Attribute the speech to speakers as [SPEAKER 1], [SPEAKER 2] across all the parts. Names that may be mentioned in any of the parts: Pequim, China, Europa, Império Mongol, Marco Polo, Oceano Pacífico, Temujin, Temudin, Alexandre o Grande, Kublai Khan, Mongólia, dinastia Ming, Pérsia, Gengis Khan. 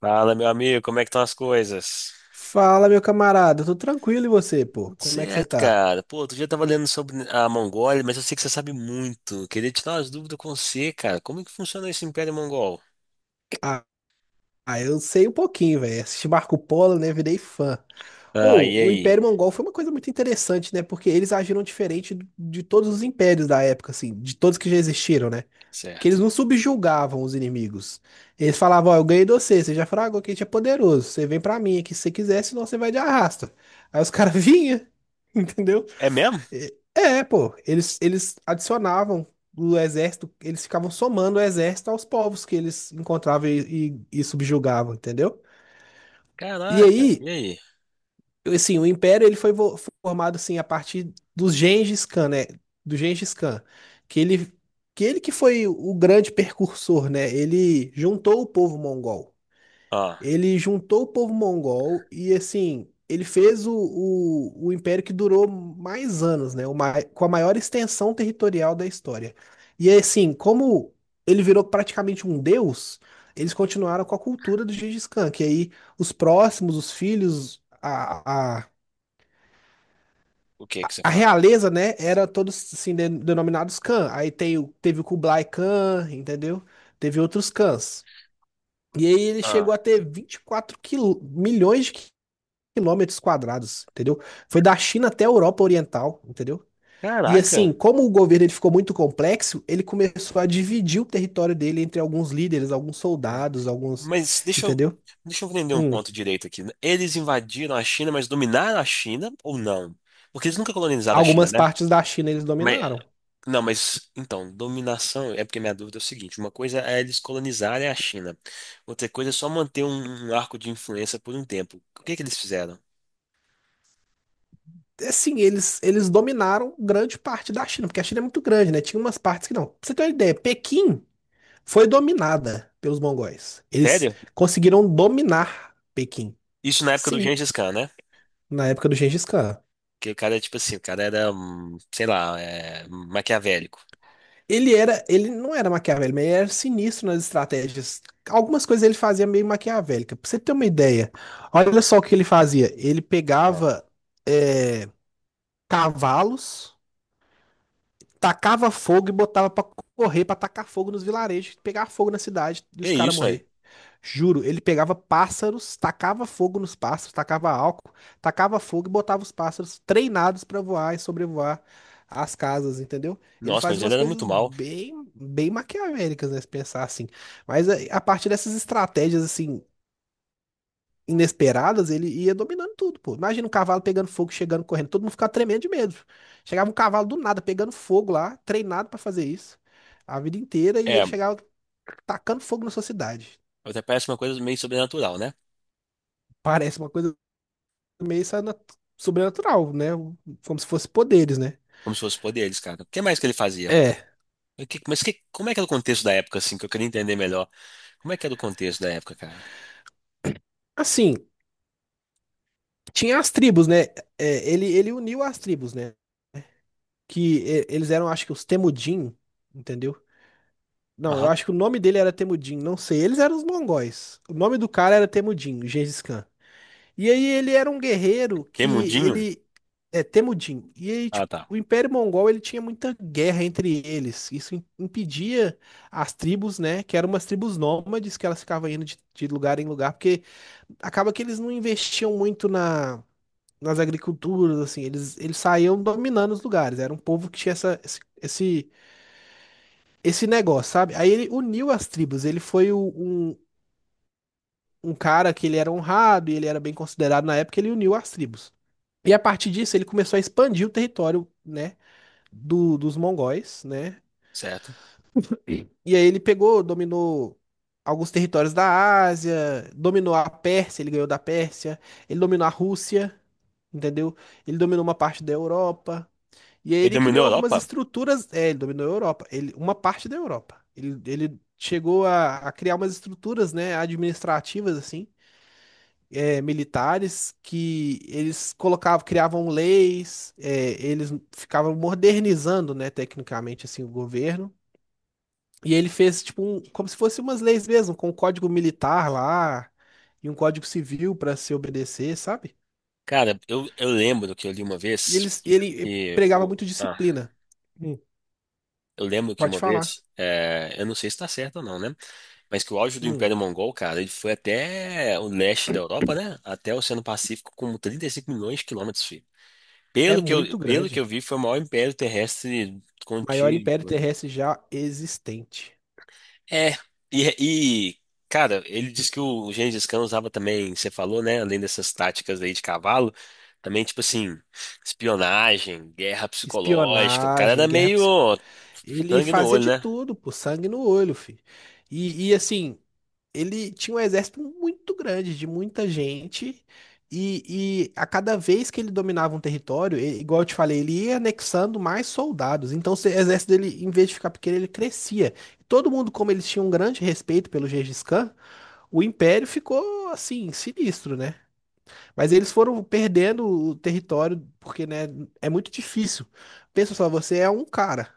[SPEAKER 1] Fala, meu amigo, como é que estão as coisas?
[SPEAKER 2] Fala, meu camarada, tô tranquilo e você, pô?
[SPEAKER 1] Tudo
[SPEAKER 2] Como é que você
[SPEAKER 1] certo,
[SPEAKER 2] tá?
[SPEAKER 1] cara. Pô, outro dia eu tava lendo sobre a Mongólia, mas eu sei que você sabe muito. Queria tirar umas dúvidas com você, cara. Como é que funciona esse Império Mongol?
[SPEAKER 2] Ah, ah, eu sei um pouquinho, velho. Assisti Marco Polo, né? Virei fã.
[SPEAKER 1] Ah, e
[SPEAKER 2] Ou, o Império
[SPEAKER 1] aí?
[SPEAKER 2] Mongol foi uma coisa muito interessante, né? Porque eles agiram diferente de todos os impérios da época, assim, de todos que já existiram, né? Que
[SPEAKER 1] Certo.
[SPEAKER 2] eles não subjugavam os inimigos. Eles falavam, ó, eu ganhei de você, você já fragou que a gente é poderoso, você vem pra mim aqui se você quiser, senão você vai de arrasta. Aí os caras vinham, entendeu?
[SPEAKER 1] É mesmo?
[SPEAKER 2] É, é, pô, eles adicionavam o exército, eles ficavam somando o exército aos povos que eles encontravam e subjugavam, entendeu? E
[SPEAKER 1] Caraca,
[SPEAKER 2] aí,
[SPEAKER 1] e aí?
[SPEAKER 2] assim, o Império ele foi formado assim a partir do Gengis Khan, né? Do Gengis Khan, que ele que foi o grande precursor, né? Ele juntou o povo mongol.
[SPEAKER 1] Ah,
[SPEAKER 2] Ele juntou o povo mongol e, assim, ele fez o império que durou mais anos, né? O com a maior extensão territorial da história. E, assim, como ele virou praticamente um deus, eles continuaram com a cultura do Gengis Khan, que aí os próximos, os filhos, a, a,
[SPEAKER 1] o que que você
[SPEAKER 2] a
[SPEAKER 1] fala?
[SPEAKER 2] realeza, né? Era todos, assim, denominados Khan. Aí tem, teve o Kublai Khan, entendeu? Teve outros Khans. E aí ele
[SPEAKER 1] Ah,
[SPEAKER 2] chegou a ter 24 milhões de quilômetros quadrados, entendeu? Foi da China até a Europa Oriental, entendeu? E
[SPEAKER 1] caraca.
[SPEAKER 2] assim, como o governo ele ficou muito complexo, ele começou a dividir o território dele entre alguns líderes, alguns
[SPEAKER 1] Hum.
[SPEAKER 2] soldados, alguns,
[SPEAKER 1] Mas deixa eu,
[SPEAKER 2] entendeu?
[SPEAKER 1] deixa eu entender um
[SPEAKER 2] Hum.
[SPEAKER 1] ponto direito aqui. Eles invadiram a China, mas dominaram a China ou não? Porque eles nunca colonizaram a China,
[SPEAKER 2] Algumas
[SPEAKER 1] né?
[SPEAKER 2] partes da China eles
[SPEAKER 1] Mas
[SPEAKER 2] dominaram.
[SPEAKER 1] não, mas então, dominação é porque minha dúvida é o seguinte: uma coisa é eles colonizarem a China, outra coisa é só manter um arco de influência por um tempo. O que que eles fizeram?
[SPEAKER 2] Assim, eles dominaram grande parte da China, porque a China é muito grande, né? Tinha umas partes que não. Pra você ter uma ideia, Pequim foi dominada pelos mongóis. Eles
[SPEAKER 1] Sério?
[SPEAKER 2] conseguiram dominar Pequim.
[SPEAKER 1] Isso na época do
[SPEAKER 2] Sim,
[SPEAKER 1] Gengis Khan, né?
[SPEAKER 2] na época do Gengis Khan.
[SPEAKER 1] Que o cara é tipo assim, o cara era, sei lá, é, maquiavélico.
[SPEAKER 2] Ele era, ele não era maquiavélico, mas ele era sinistro nas estratégias. Algumas coisas ele fazia meio maquiavélica. Pra você ter uma ideia, olha só o que ele fazia. Ele
[SPEAKER 1] Ah.
[SPEAKER 2] pegava é, cavalos, tacava fogo e botava pra correr, pra tacar fogo nos vilarejos, pegar fogo na cidade e
[SPEAKER 1] Que
[SPEAKER 2] os caras
[SPEAKER 1] isso, velho?
[SPEAKER 2] morrer. Juro, ele pegava pássaros, tacava fogo nos pássaros, tacava álcool, tacava fogo e botava os pássaros treinados pra voar e sobrevoar as casas, entendeu? Ele
[SPEAKER 1] Nossa,
[SPEAKER 2] faz
[SPEAKER 1] mas ele
[SPEAKER 2] umas
[SPEAKER 1] era
[SPEAKER 2] coisas
[SPEAKER 1] muito mal.
[SPEAKER 2] bem, bem maquiavélicas, né, se pensar assim. Mas a partir dessas estratégias assim inesperadas, ele ia dominando tudo, pô. Imagina um cavalo pegando fogo, chegando correndo, todo mundo ficava tremendo de medo. Chegava um cavalo do nada pegando fogo lá, treinado pra fazer isso a vida inteira e
[SPEAKER 1] É,
[SPEAKER 2] ele chegava tacando fogo na sua cidade.
[SPEAKER 1] até parece uma coisa meio sobrenatural, né?
[SPEAKER 2] Parece uma coisa meio sobrenatural, né? Como se fosse poderes, né?
[SPEAKER 1] Como se fosse poderes, cara. O que mais que ele fazia?
[SPEAKER 2] É,
[SPEAKER 1] O que- mas que- Como é que era o contexto da época, assim, que eu queria entender melhor? Como é que era o contexto da época, cara?
[SPEAKER 2] assim, tinha as tribos, né? É, ele uniu as tribos, né? Que é, eles eram, acho que os Temudin, entendeu? Não, eu
[SPEAKER 1] Aham.
[SPEAKER 2] acho que o nome dele era Temudin, não sei. Eles eram os mongóis. O nome do cara era Temudin, Gengis Khan. E aí ele era um guerreiro que
[SPEAKER 1] Tem mundinho?
[SPEAKER 2] ele é Temujin. E aí,
[SPEAKER 1] Ah,
[SPEAKER 2] tipo,
[SPEAKER 1] tá.
[SPEAKER 2] o Império Mongol ele tinha muita guerra entre eles. Isso impedia as tribos, né? Que eram umas tribos nômades que elas ficavam indo de lugar em lugar, porque acaba que eles não investiam muito na, nas agriculturas, assim, eles saíam dominando os lugares. Era um povo que tinha esse negócio, sabe? Aí ele uniu as tribos. Ele foi um cara que ele era honrado e ele era bem considerado na época, ele uniu as tribos. E a partir disso, ele começou a expandir o território, né, dos mongóis, né?
[SPEAKER 1] Certo.
[SPEAKER 2] E aí ele pegou, dominou alguns territórios da Ásia, dominou a Pérsia, ele ganhou da Pérsia, ele dominou a Rússia, entendeu? Ele dominou uma parte da Europa. E aí
[SPEAKER 1] Ele
[SPEAKER 2] ele
[SPEAKER 1] dominou
[SPEAKER 2] criou
[SPEAKER 1] a
[SPEAKER 2] algumas
[SPEAKER 1] Europa?
[SPEAKER 2] estruturas, é, ele dominou a Europa, ele, uma parte da Europa. Ele chegou a criar umas estruturas, né, administrativas, assim, militares que eles colocavam, criavam leis, eles ficavam modernizando, né, tecnicamente assim o governo. E ele fez tipo um, como se fossem umas leis mesmo, com um código militar lá e um código civil para se obedecer, sabe?
[SPEAKER 1] Cara, eu lembro que eu li uma
[SPEAKER 2] E
[SPEAKER 1] vez
[SPEAKER 2] eles,
[SPEAKER 1] que,
[SPEAKER 2] e ele
[SPEAKER 1] que
[SPEAKER 2] pregava
[SPEAKER 1] o,
[SPEAKER 2] muito
[SPEAKER 1] ah,
[SPEAKER 2] disciplina. Hum,
[SPEAKER 1] eu lembro que
[SPEAKER 2] pode
[SPEAKER 1] uma
[SPEAKER 2] falar.
[SPEAKER 1] vez, é, eu não sei se tá certo ou não, né? Mas que o auge do
[SPEAKER 2] Hum,
[SPEAKER 1] Império Mongol, cara, ele foi até o leste da Europa, né? Até o Oceano Pacífico com 35 milhões de quilômetros, filho.
[SPEAKER 2] é muito
[SPEAKER 1] Pelo que eu
[SPEAKER 2] grande.
[SPEAKER 1] vi, foi o maior império terrestre
[SPEAKER 2] Maior
[SPEAKER 1] contínuo.
[SPEAKER 2] império terrestre já existente.
[SPEAKER 1] É, e, e, cara, ele disse que o Gengis Khan usava também, você falou, né? Além dessas táticas aí de cavalo, também, tipo assim, espionagem, guerra psicológica. O cara
[SPEAKER 2] Espionagem,
[SPEAKER 1] era
[SPEAKER 2] guerra
[SPEAKER 1] meio
[SPEAKER 2] psico. Ele
[SPEAKER 1] sangue no
[SPEAKER 2] fazia
[SPEAKER 1] olho,
[SPEAKER 2] de
[SPEAKER 1] né?
[SPEAKER 2] tudo, pô, sangue no olho, filho. E assim, ele tinha um exército muito grande, de muita gente, e a cada vez que ele dominava um território, igual eu te falei, ele ia anexando mais soldados. Então, o exército dele, em vez de ficar pequeno, ele crescia. Todo mundo, como eles tinham um grande respeito pelo Gengis Khan, o império ficou assim, sinistro, né? Mas eles foram perdendo o território, porque, né, é muito difícil. Pensa só, você é um cara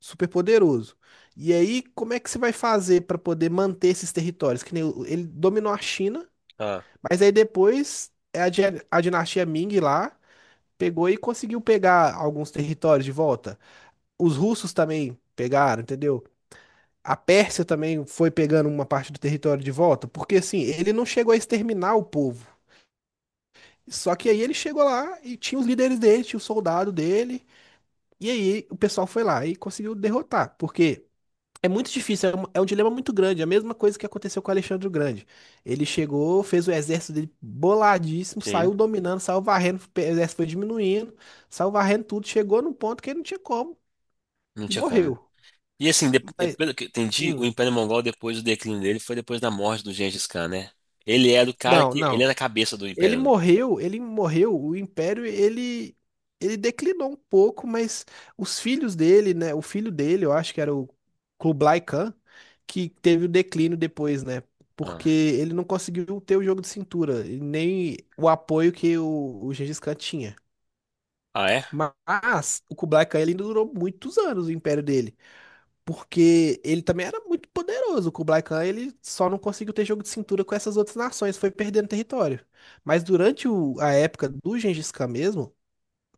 [SPEAKER 2] super poderoso. E aí, como é que você vai fazer para poder manter esses territórios? Que nem ele dominou a China,
[SPEAKER 1] Ah,
[SPEAKER 2] mas aí depois é a dinastia Ming lá pegou e conseguiu pegar alguns territórios de volta. Os russos também pegaram, entendeu? A Pérsia também foi pegando uma parte do território de volta, porque assim, ele não chegou a exterminar o povo. Só que aí ele chegou lá e tinha os líderes dele, tinha o soldado dele. E aí o pessoal foi lá e conseguiu derrotar. Porque é muito difícil, é um dilema muito grande. É a mesma coisa que aconteceu com o Alexandre o Grande. Ele chegou, fez o exército dele boladíssimo,
[SPEAKER 1] sim,
[SPEAKER 2] saiu dominando, saiu varrendo, o exército foi diminuindo, saiu varrendo tudo, chegou num ponto que ele não tinha como
[SPEAKER 1] não
[SPEAKER 2] e
[SPEAKER 1] tinha como.
[SPEAKER 2] morreu.
[SPEAKER 1] E assim, e
[SPEAKER 2] Mas,
[SPEAKER 1] pelo que eu entendi, o
[SPEAKER 2] hum,
[SPEAKER 1] Império Mongol, depois do declínio dele, foi depois da morte do Gengis Khan, né? Ele era o cara
[SPEAKER 2] não,
[SPEAKER 1] que. Ele era
[SPEAKER 2] não.
[SPEAKER 1] a cabeça do Império, né?
[SPEAKER 2] Ele morreu, o império ele declinou um pouco, mas os filhos dele, né, o filho dele, eu acho que era o Kublai Khan, que teve o declínio depois, né? Porque
[SPEAKER 1] Ah,
[SPEAKER 2] ele não conseguiu ter o jogo de cintura, e nem o apoio que o Gengis Khan tinha.
[SPEAKER 1] ah é?
[SPEAKER 2] Mas o Kublai Khan ele ainda durou muitos anos o império dele. Porque ele também era muito poderoso. O Kublai Khan, ele só não conseguiu ter jogo de cintura com essas outras nações, foi perdendo território. Mas durante a época do Gengis Khan mesmo,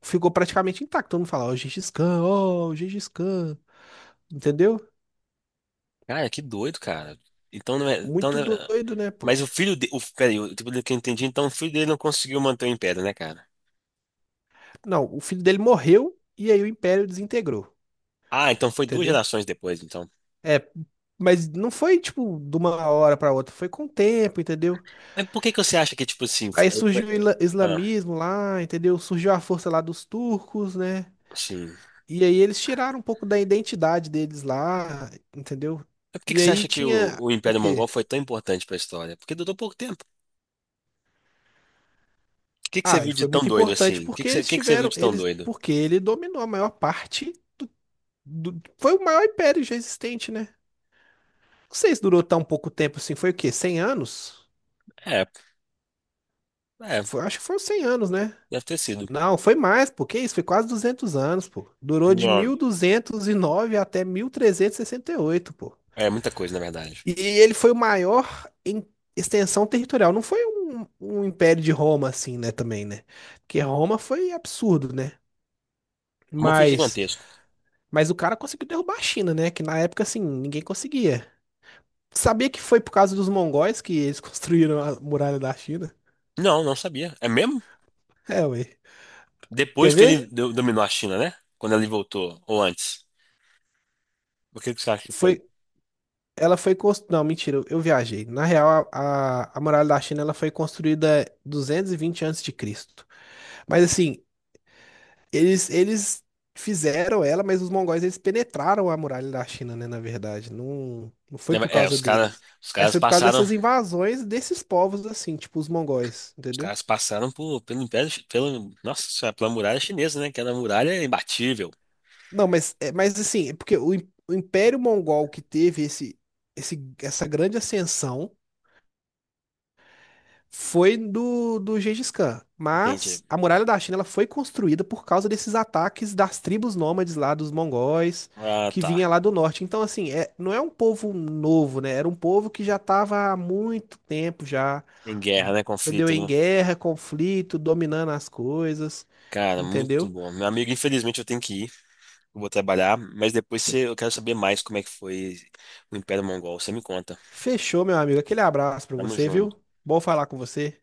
[SPEAKER 2] ficou praticamente intacto. Todo mundo fala, ó, oh, Gengis Khan, ó, oh, Gengis Khan. Entendeu?
[SPEAKER 1] Cara, que doido, cara. Então não é.
[SPEAKER 2] Muito doido, né, pô?
[SPEAKER 1] Mas o filho dele. Peraí, pelo que eu entendi, então o filho dele não conseguiu manter o império, né, cara?
[SPEAKER 2] Não, o filho dele morreu e aí o império desintegrou.
[SPEAKER 1] Ah, então foi duas
[SPEAKER 2] Entendeu?
[SPEAKER 1] gerações depois, então.
[SPEAKER 2] É, mas não foi, tipo, de uma hora pra outra, foi com o tempo, entendeu?
[SPEAKER 1] Mas por que que você acha que, tipo assim,
[SPEAKER 2] Aí surgiu o
[SPEAKER 1] ah,
[SPEAKER 2] islamismo lá, entendeu? Surgiu a força lá dos turcos, né?
[SPEAKER 1] sim. Mas
[SPEAKER 2] E aí eles tiraram um pouco da identidade deles lá, entendeu?
[SPEAKER 1] por que que
[SPEAKER 2] E
[SPEAKER 1] você
[SPEAKER 2] aí
[SPEAKER 1] acha que o,
[SPEAKER 2] tinha
[SPEAKER 1] o
[SPEAKER 2] o
[SPEAKER 1] Império Mongol
[SPEAKER 2] quê?
[SPEAKER 1] foi tão importante pra história? Porque durou pouco tempo. O que que você
[SPEAKER 2] Ah,
[SPEAKER 1] viu
[SPEAKER 2] ele
[SPEAKER 1] de
[SPEAKER 2] foi
[SPEAKER 1] tão
[SPEAKER 2] muito
[SPEAKER 1] doido
[SPEAKER 2] importante
[SPEAKER 1] assim?
[SPEAKER 2] porque
[SPEAKER 1] O
[SPEAKER 2] eles
[SPEAKER 1] que que você viu
[SPEAKER 2] tiveram,
[SPEAKER 1] de tão
[SPEAKER 2] eles,
[SPEAKER 1] doido?
[SPEAKER 2] porque ele dominou a maior parte do, foi o maior império já existente, né? Não sei se durou tão pouco tempo assim, foi o quê? 100 anos?
[SPEAKER 1] É, é,
[SPEAKER 2] Acho que foram 100 anos, né?
[SPEAKER 1] deve ter sido.
[SPEAKER 2] Não, foi mais, pô, que isso, foi quase 200 anos, pô. Durou de
[SPEAKER 1] Não,
[SPEAKER 2] 1209 até mil trezentos e sessenta e oito, pô.
[SPEAKER 1] é muita coisa, na verdade.
[SPEAKER 2] E ele foi o maior em extensão territorial. Não foi um, um império de Roma, assim, né, também, né? Porque Roma foi absurdo, né?
[SPEAKER 1] Como foi
[SPEAKER 2] Mas,
[SPEAKER 1] gigantesco.
[SPEAKER 2] mas o cara conseguiu derrubar a China, né? Que na época, assim, ninguém conseguia. Sabia que foi por causa dos mongóis que eles construíram a muralha da China?
[SPEAKER 1] Não, não sabia. É mesmo?
[SPEAKER 2] É, ué. Quer
[SPEAKER 1] Depois que ele
[SPEAKER 2] ver?
[SPEAKER 1] dominou a China, né? Quando ele voltou, ou antes. O que que você acha que foi?
[SPEAKER 2] Foi, Ela foi construída. Não, mentira, eu viajei. Na real, a muralha da China ela foi construída 220 antes de Cristo. Mas assim, Eles fizeram ela, mas os mongóis eles penetraram a muralha da China, né? Na verdade, não, não foi por causa
[SPEAKER 1] Os caras,
[SPEAKER 2] deles,
[SPEAKER 1] os
[SPEAKER 2] mas
[SPEAKER 1] caras
[SPEAKER 2] foi por causa
[SPEAKER 1] passaram,
[SPEAKER 2] dessas invasões desses povos, assim, tipo os mongóis,
[SPEAKER 1] os
[SPEAKER 2] entendeu?
[SPEAKER 1] caras passaram por, pelo Império, pelo, nossa, senhora, pela muralha chinesa, né? Que era a muralha imbatível.
[SPEAKER 2] Não, mas, é, mas assim, é porque o, o Império Mongol que teve essa grande ascensão. Foi do, Gengis Khan. Mas
[SPEAKER 1] Entendi.
[SPEAKER 2] a muralha da China ela foi construída por causa desses ataques das tribos nômades lá, dos mongóis,
[SPEAKER 1] Ah,
[SPEAKER 2] que
[SPEAKER 1] tá.
[SPEAKER 2] vinha lá do norte. Então, assim, é, não é um povo novo, né? Era um povo que já estava há muito tempo já,
[SPEAKER 1] Em guerra, né?
[SPEAKER 2] entendeu?
[SPEAKER 1] Conflito,
[SPEAKER 2] Em
[SPEAKER 1] né?
[SPEAKER 2] guerra, conflito, dominando as coisas,
[SPEAKER 1] Cara, muito
[SPEAKER 2] entendeu?
[SPEAKER 1] bom. Meu amigo, infelizmente eu tenho que ir. Eu vou trabalhar, eu quero saber mais como é que foi o Império Mongol. Você me conta.
[SPEAKER 2] Fechou, meu amigo. Aquele abraço pra
[SPEAKER 1] Tamo
[SPEAKER 2] você, viu?
[SPEAKER 1] junto.
[SPEAKER 2] Bom falar com você.